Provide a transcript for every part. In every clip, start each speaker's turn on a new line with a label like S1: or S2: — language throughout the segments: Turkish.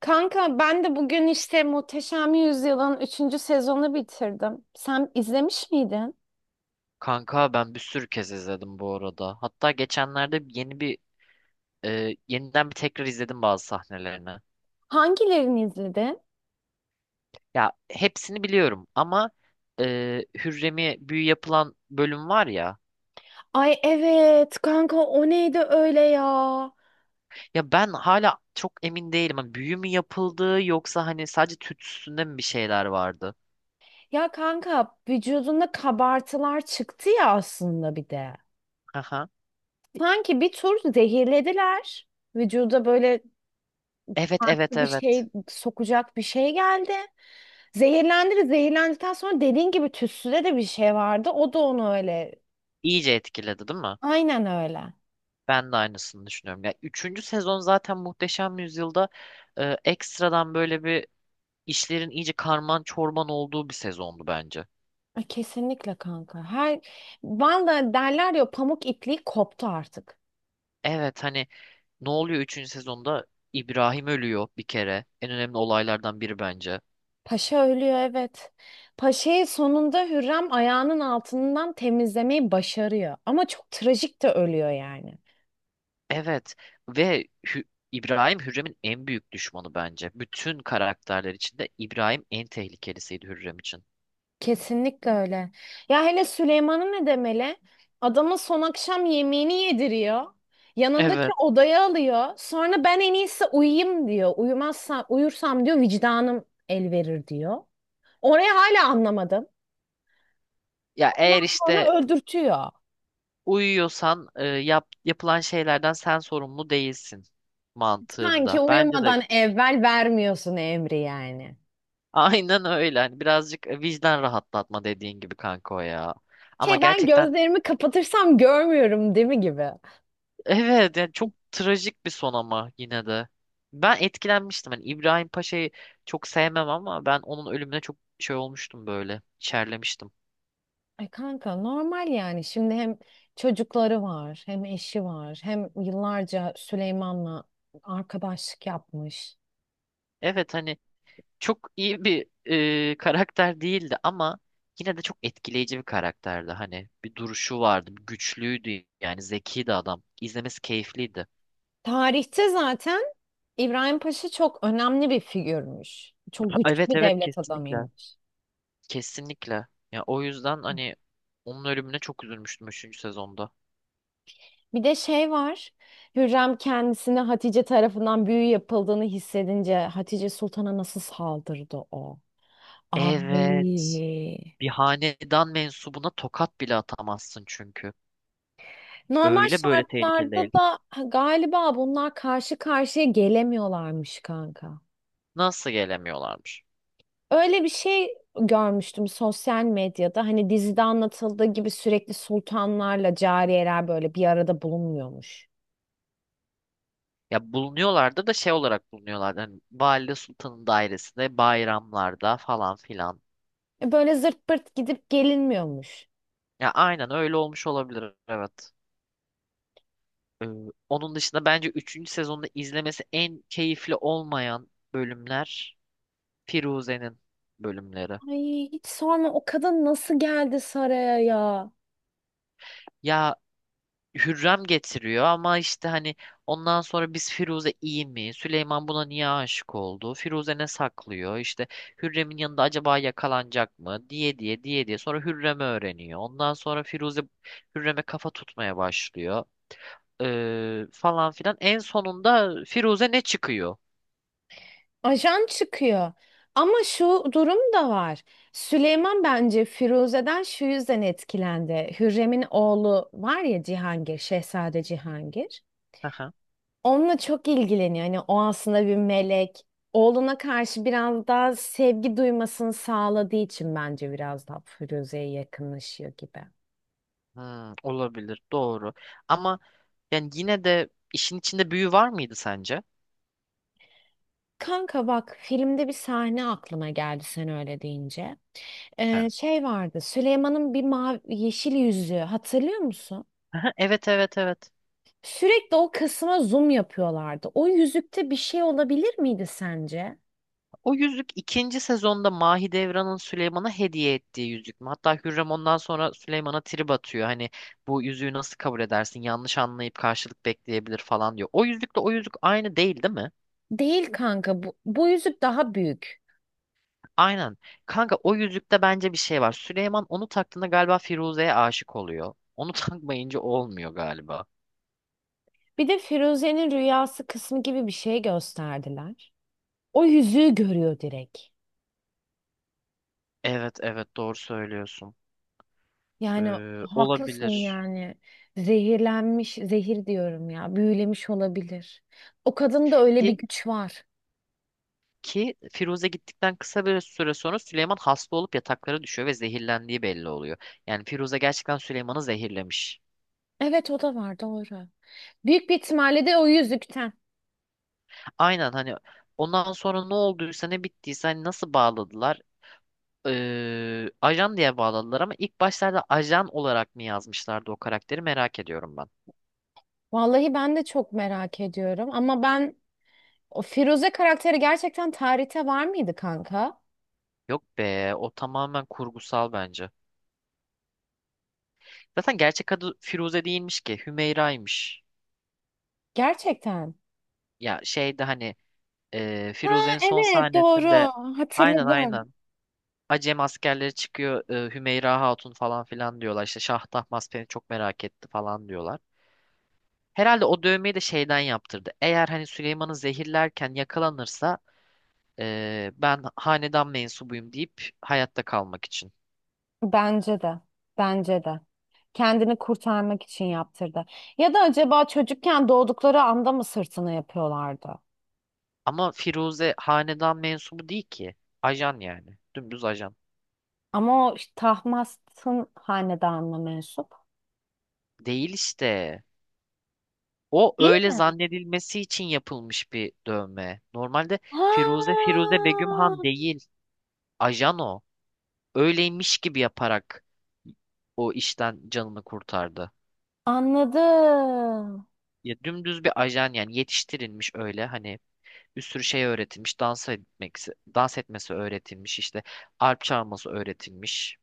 S1: Kanka ben de bugün işte Muhteşem Yüzyıl'ın üçüncü sezonu bitirdim. Sen izlemiş miydin?
S2: Kanka ben bir sürü kez izledim bu arada. Hatta geçenlerde yeni bir yeniden bir tekrar izledim bazı sahnelerini.
S1: Hangilerini izledin?
S2: Ya hepsini biliyorum ama e, Hürrem'e büyü yapılan bölüm var ya.
S1: Ay evet kanka o neydi öyle ya?
S2: Ya ben hala çok emin değilim. Hani büyü mü yapıldı yoksa hani sadece tütsüsünde mi bir şeyler vardı?
S1: Ya kanka vücudunda kabartılar çıktı ya aslında bir de.
S2: Aha.
S1: Sanki bir tur zehirlediler. Vücuda böyle
S2: Evet, evet,
S1: farklı bir
S2: evet.
S1: şey sokacak bir şey geldi. Zehirlendi, zehirlendikten sonra dediğin gibi tütsüde de bir şey vardı. O da onu öyle.
S2: İyice etkiledi değil mi?
S1: Aynen öyle.
S2: Ben de aynısını düşünüyorum. Ya üçüncü sezon zaten Muhteşem Yüzyıl'da ekstradan böyle bir işlerin iyice karman çorman olduğu bir sezondu bence.
S1: Ay, kesinlikle kanka. Vallahi derler ya pamuk ipliği koptu artık.
S2: Evet, hani ne oluyor üçüncü sezonda? İbrahim ölüyor bir kere. En önemli olaylardan biri bence.
S1: Paşa ölüyor evet. Paşa'yı sonunda Hürrem ayağının altından temizlemeyi başarıyor. Ama çok trajik de ölüyor yani.
S2: Evet ve İbrahim Hürrem'in en büyük düşmanı bence. Bütün karakterler içinde İbrahim en tehlikelisiydi Hürrem için.
S1: Kesinlikle öyle. Ya hele Süleyman'ı ne demeli? Adamın son akşam yemeğini yediriyor. Yanındaki
S2: Evet.
S1: odaya alıyor. Sonra ben en iyisi uyuyayım diyor. Uyumazsam, uyursam diyor vicdanım el verir diyor. Orayı hala anlamadım.
S2: Ya eğer
S1: Ondan
S2: işte
S1: sonra öldürtüyor.
S2: uyuyorsan yapılan şeylerden sen sorumlu değilsin
S1: Sanki
S2: mantığında. Bence de
S1: uyumadan evvel vermiyorsun emri yani.
S2: aynen öyle. Hani birazcık vicdan rahatlatma dediğin gibi kanka o ya. Ama
S1: Şey ben
S2: gerçekten,
S1: gözlerimi kapatırsam görmüyorum değil mi gibi.
S2: evet, yani çok trajik bir son ama yine de. Ben etkilenmiştim. Hani İbrahim Paşa'yı çok sevmem ama ben onun ölümüne çok şey olmuştum böyle. İçerlemiştim.
S1: Ay kanka normal yani. Şimdi hem çocukları var, hem eşi var, hem yıllarca Süleyman'la arkadaşlık yapmış.
S2: Evet, hani çok iyi bir karakter değildi ama yine de çok etkileyici bir karakterdi. Hani bir duruşu vardı, güçlüydü yani zekiydi adam. İzlemesi keyifliydi.
S1: Tarihte zaten İbrahim Paşa çok önemli bir figürmüş. Çok güçlü
S2: Evet,
S1: bir
S2: evet,
S1: devlet
S2: kesinlikle.
S1: adamıymış.
S2: Kesinlikle. Ya o yüzden hani onun ölümüne çok üzülmüştüm üçüncü sezonda.
S1: Bir de şey var. Hürrem kendisine Hatice tarafından büyü yapıldığını hissedince Hatice Sultan'a nasıl saldırdı o?
S2: Evet.
S1: Ay.
S2: Bir hanedan mensubuna tokat bile atamazsın çünkü.
S1: Normal
S2: Öyle böyle tehlikeli
S1: şartlarda
S2: değil.
S1: da galiba bunlar karşı karşıya gelemiyorlarmış kanka.
S2: Nasıl gelemiyorlarmış?
S1: Öyle bir şey görmüştüm sosyal medyada. Hani dizide anlatıldığı gibi sürekli sultanlarla cariyeler böyle bir arada bulunmuyormuş.
S2: Ya bulunuyorlardı da şey olarak bulunuyorlardı. Hani Valide Sultan'ın dairesinde, bayramlarda falan filan.
S1: E böyle zırt pırt gidip gelinmiyormuş.
S2: Ya aynen öyle olmuş olabilir, evet. Ee, onun dışında bence üçüncü sezonda izlemesi en keyifli olmayan bölümler Firuze'nin bölümleri.
S1: Ay hiç sorma o kadın nasıl geldi saraya ya?
S2: Ya Hürrem getiriyor ama işte hani ondan sonra biz Firuze iyi mi? Süleyman buna niye aşık oldu? Firuze ne saklıyor? İşte Hürrem'in yanında acaba yakalanacak mı? Diye diye diye diye. Sonra Hürrem'i öğreniyor. Ondan sonra Firuze Hürrem'e kafa tutmaya başlıyor. Falan filan. En sonunda Firuze ne çıkıyor?
S1: Ajan çıkıyor. Ama şu durum da var. Süleyman bence Firuze'den şu yüzden etkilendi. Hürrem'in oğlu var ya Cihangir, Şehzade Cihangir.
S2: Aha.
S1: Onunla çok ilgileniyor. Hani o aslında bir melek. Oğluna karşı biraz daha sevgi duymasını sağladığı için bence biraz daha Firuze'ye yakınlaşıyor gibi.
S2: Hmm, olabilir. Doğru. Ama yani yine de işin içinde büyü var mıydı sence?
S1: Kanka bak filmde bir sahne aklıma geldi sen öyle deyince.
S2: Ha.
S1: Şey vardı. Süleyman'ın bir mavi yeşil yüzüğü hatırlıyor musun?
S2: Aha, evet, evet, evet.
S1: Sürekli o kısma zoom yapıyorlardı. O yüzükte bir şey olabilir miydi sence?
S2: O yüzük ikinci sezonda Mahidevran'ın Süleyman'a hediye ettiği yüzük mü? Hatta Hürrem ondan sonra Süleyman'a trip atıyor. Hani bu yüzüğü nasıl kabul edersin? Yanlış anlayıp karşılık bekleyebilir falan diyor. O yüzükle o yüzük aynı değil değil mi?
S1: Değil kanka. Bu, bu yüzük daha büyük.
S2: Aynen. Kanka o yüzükte bence bir şey var. Süleyman onu taktığında galiba Firuze'ye aşık oluyor. Onu takmayınca olmuyor galiba.
S1: Bir de Firuze'nin rüyası kısmı gibi bir şey gösterdiler. O yüzüğü görüyor direkt.
S2: Evet, evet, doğru söylüyorsun.
S1: Yani
S2: Ee,
S1: haklısın
S2: olabilir.
S1: yani. Zehirlenmiş, zehir diyorum ya. Büyülemiş olabilir. O kadında öyle bir
S2: Ki
S1: güç var.
S2: Ki Firuze gittikten kısa bir süre sonra Süleyman hasta olup yataklara düşüyor ve zehirlendiği belli oluyor. Yani Firuze gerçekten Süleyman'ı zehirlemiş.
S1: Evet o da var doğru. Büyük bir ihtimalle de o yüzükten.
S2: Aynen, hani ondan sonra ne olduysa ne bittiyse hani nasıl bağladılar? Ajan diye bağladılar ama ilk başlarda ajan olarak mı yazmışlardı o karakteri merak ediyorum ben.
S1: Vallahi ben de çok merak ediyorum ama ben o Firuze karakteri gerçekten tarihte var mıydı kanka?
S2: Yok be, o tamamen kurgusal bence. Zaten gerçek adı Firuze değilmiş ki, Hümeyra'ymış.
S1: Gerçekten.
S2: Ya şeyde hani
S1: Ha
S2: Firuze'nin son
S1: evet doğru
S2: sahnesinde, aynen,
S1: hatırladım.
S2: aynen. Acem askerleri çıkıyor, Hümeyra Hatun falan filan diyorlar. İşte Şah Tahmasp beni çok merak etti falan diyorlar. Herhalde o dövmeyi de şeyden yaptırdı. Eğer hani Süleyman'ı zehirlerken yakalanırsa ben hanedan mensubuyum deyip hayatta kalmak için.
S1: Bence de. Bence de. Kendini kurtarmak için yaptırdı. Ya da acaba çocukken doğdukları anda mı sırtını yapıyorlardı?
S2: Ama Firuze hanedan mensubu değil ki. Ajan yani. Dümdüz ajan.
S1: Ama o işte Tahmasp'ın hanedanına mensup.
S2: Değil işte. O
S1: Değil
S2: öyle
S1: mi?
S2: zannedilmesi için yapılmış bir dövme. Normalde Firuze
S1: Ha,
S2: Firuze Begüm Han değil. Ajan o. Öyleymiş gibi yaparak o işten canını kurtardı.
S1: anladım.
S2: Ya dümdüz bir ajan yani, yetiştirilmiş öyle hani, bir sürü şey öğretilmiş. Dans etmek, dans etmesi öğretilmiş, işte arp çalması öğretilmiş.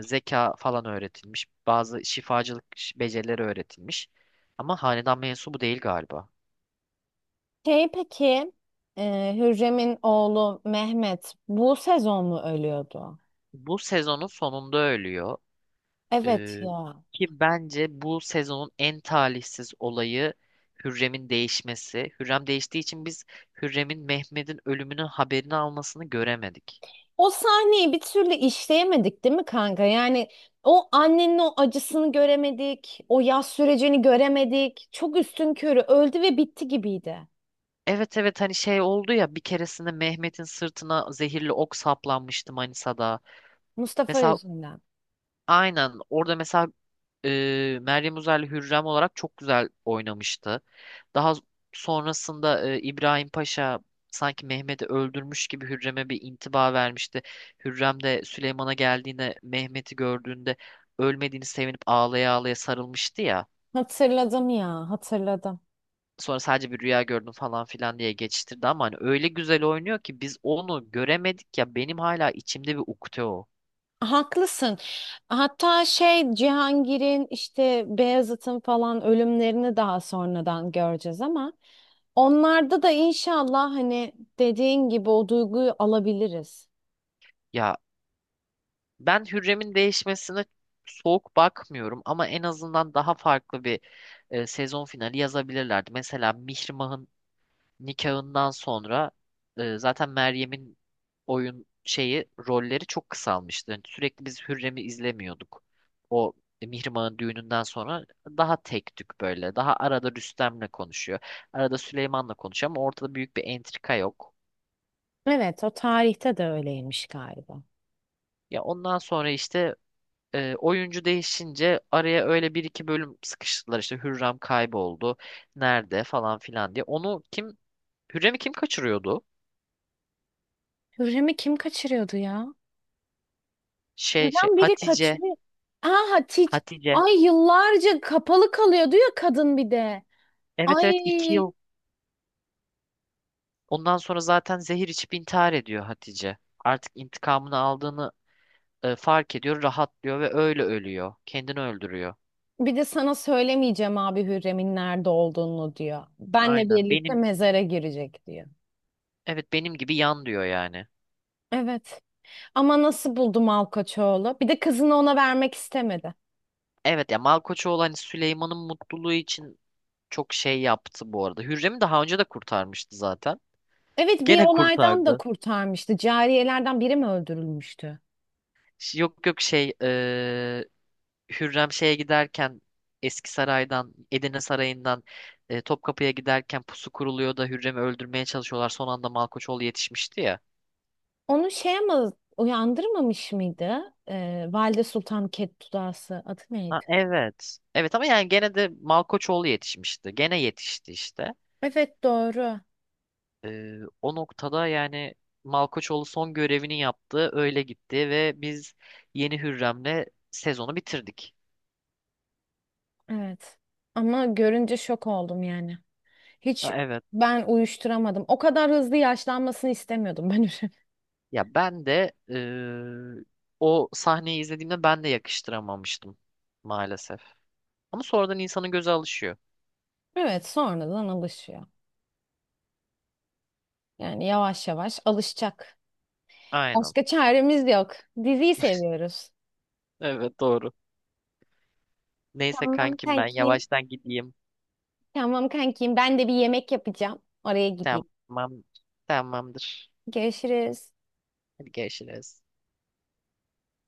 S2: Zeka falan öğretilmiş. Bazı şifacılık becerileri öğretilmiş. Ama hanedan mensubu değil galiba.
S1: Şey peki, Hürrem'in oğlu Mehmet bu sezon mu ölüyordu?
S2: Bu sezonun sonunda ölüyor.
S1: Evet
S2: Ee,
S1: ya.
S2: ki bence bu sezonun en talihsiz olayı Hürrem'in değişmesi. Hürrem değiştiği için biz Hürrem'in Mehmet'in ölümünün haberini almasını göremedik.
S1: O sahneyi bir türlü işleyemedik değil mi kanka? Yani o annenin o acısını göremedik, o yas sürecini göremedik. Çok üstünkörü öldü ve bitti gibiydi.
S2: Evet, evet, hani şey oldu ya, bir keresinde Mehmet'in sırtına zehirli ok saplanmıştı Manisa'da.
S1: Mustafa
S2: Mesela
S1: yüzünden.
S2: aynen orada mesela Meryem Uzerli Hürrem olarak çok güzel oynamıştı. Daha sonrasında İbrahim Paşa sanki Mehmet'i öldürmüş gibi Hürrem'e bir intiba vermişti. Hürrem de Süleyman'a geldiğinde Mehmet'i gördüğünde ölmediğini sevinip ağlaya ağlaya sarılmıştı ya.
S1: Hatırladım ya, hatırladım.
S2: Sonra sadece bir rüya gördüm falan filan diye geçiştirdi ama hani öyle güzel oynuyor ki biz onu göremedik ya, benim hala içimde bir ukde o.
S1: Haklısın. Hatta şey Cihangir'in işte Beyazıt'ın falan ölümlerini daha sonradan göreceğiz ama onlarda da inşallah hani dediğin gibi o duyguyu alabiliriz.
S2: Ya ben Hürrem'in değişmesine soğuk bakmıyorum ama en azından daha farklı bir sezon finali yazabilirlerdi. Mesela Mihrimah'ın nikahından sonra zaten Meryem'in oyun şeyi rolleri çok kısalmıştı. Yani sürekli biz Hürrem'i izlemiyorduk. O Mihrimah'ın düğününden sonra daha tek tük böyle. Daha arada Rüstem'le konuşuyor. Arada Süleyman'la konuşuyor ama ortada büyük bir entrika yok.
S1: Evet, o tarihte de öyleymiş galiba.
S2: Ya ondan sonra işte Oyuncu değişince araya öyle bir iki bölüm sıkıştırdılar, işte Hürrem kayboldu nerede falan filan diye. Onu kim, Hürrem'i kim kaçırıyordu?
S1: Hürrem'i kim kaçırıyordu ya?
S2: Şey
S1: Neden biri
S2: Hatice.
S1: kaçırıyor? Aha Hatice.
S2: Hatice.
S1: Ay yıllarca kapalı kalıyordu ya kadın bir de.
S2: Evet,
S1: Ay,
S2: evet, 2 yıl ondan sonra zaten zehir içip intihar ediyor Hatice. Artık intikamını aldığını fark ediyor, rahatlıyor ve öyle ölüyor. Kendini öldürüyor.
S1: bir de sana söylemeyeceğim abi Hürrem'in nerede olduğunu diyor. Benle
S2: Aynen,
S1: birlikte
S2: benim,
S1: mezara girecek diyor.
S2: evet, benim gibi yan diyor yani.
S1: Evet. Ama nasıl buldu Malkaçoğlu? Bir de kızını ona vermek istemedi.
S2: Evet ya, Malkoçoğlu hani Süleyman'ın mutluluğu için çok şey yaptı bu arada. Hürrem'i daha önce de kurtarmıştı zaten.
S1: Evet bir
S2: Gene
S1: olaydan da
S2: kurtardı.
S1: kurtarmıştı. Cariyelerden biri mi öldürülmüştü?
S2: Yok, yok, şey, Hürrem şeye giderken, Eski Saray'dan, Edirne Sarayı'ndan, Topkapı'ya giderken pusu kuruluyor da Hürrem'i öldürmeye çalışıyorlar. Son anda Malkoçoğlu yetişmişti ya.
S1: Onu şey ama uyandırmamış mıydı? Valide Sultan Kettudası adı
S2: Ha,
S1: neydi?
S2: evet. Evet ama yani gene de Malkoçoğlu yetişmişti. Gene yetişti işte.
S1: Evet doğru.
S2: O noktada yani Malkoçoğlu son görevini yaptı. Öyle gitti ve biz yeni Hürrem'le sezonu bitirdik.
S1: Evet. Ama görünce şok oldum yani.
S2: Ha,
S1: Hiç
S2: evet.
S1: ben uyuşturamadım. O kadar hızlı yaşlanmasını istemiyordum ben.
S2: Ya ben de o sahneyi izlediğimde ben de yakıştıramamıştım maalesef. Ama sonradan insanın göze alışıyor.
S1: Evet, sonradan alışıyor. Yani yavaş yavaş alışacak.
S2: Aynen.
S1: Başka çaremiz yok. Diziyi seviyoruz.
S2: Evet, doğru. Neyse
S1: Tamam
S2: kankim, ben
S1: kankim.
S2: yavaştan gideyim.
S1: Tamam kankim. Ben de bir yemek yapacağım. Oraya gideyim.
S2: Tamam. Tamamdır.
S1: Görüşürüz.
S2: Hadi görüşürüz.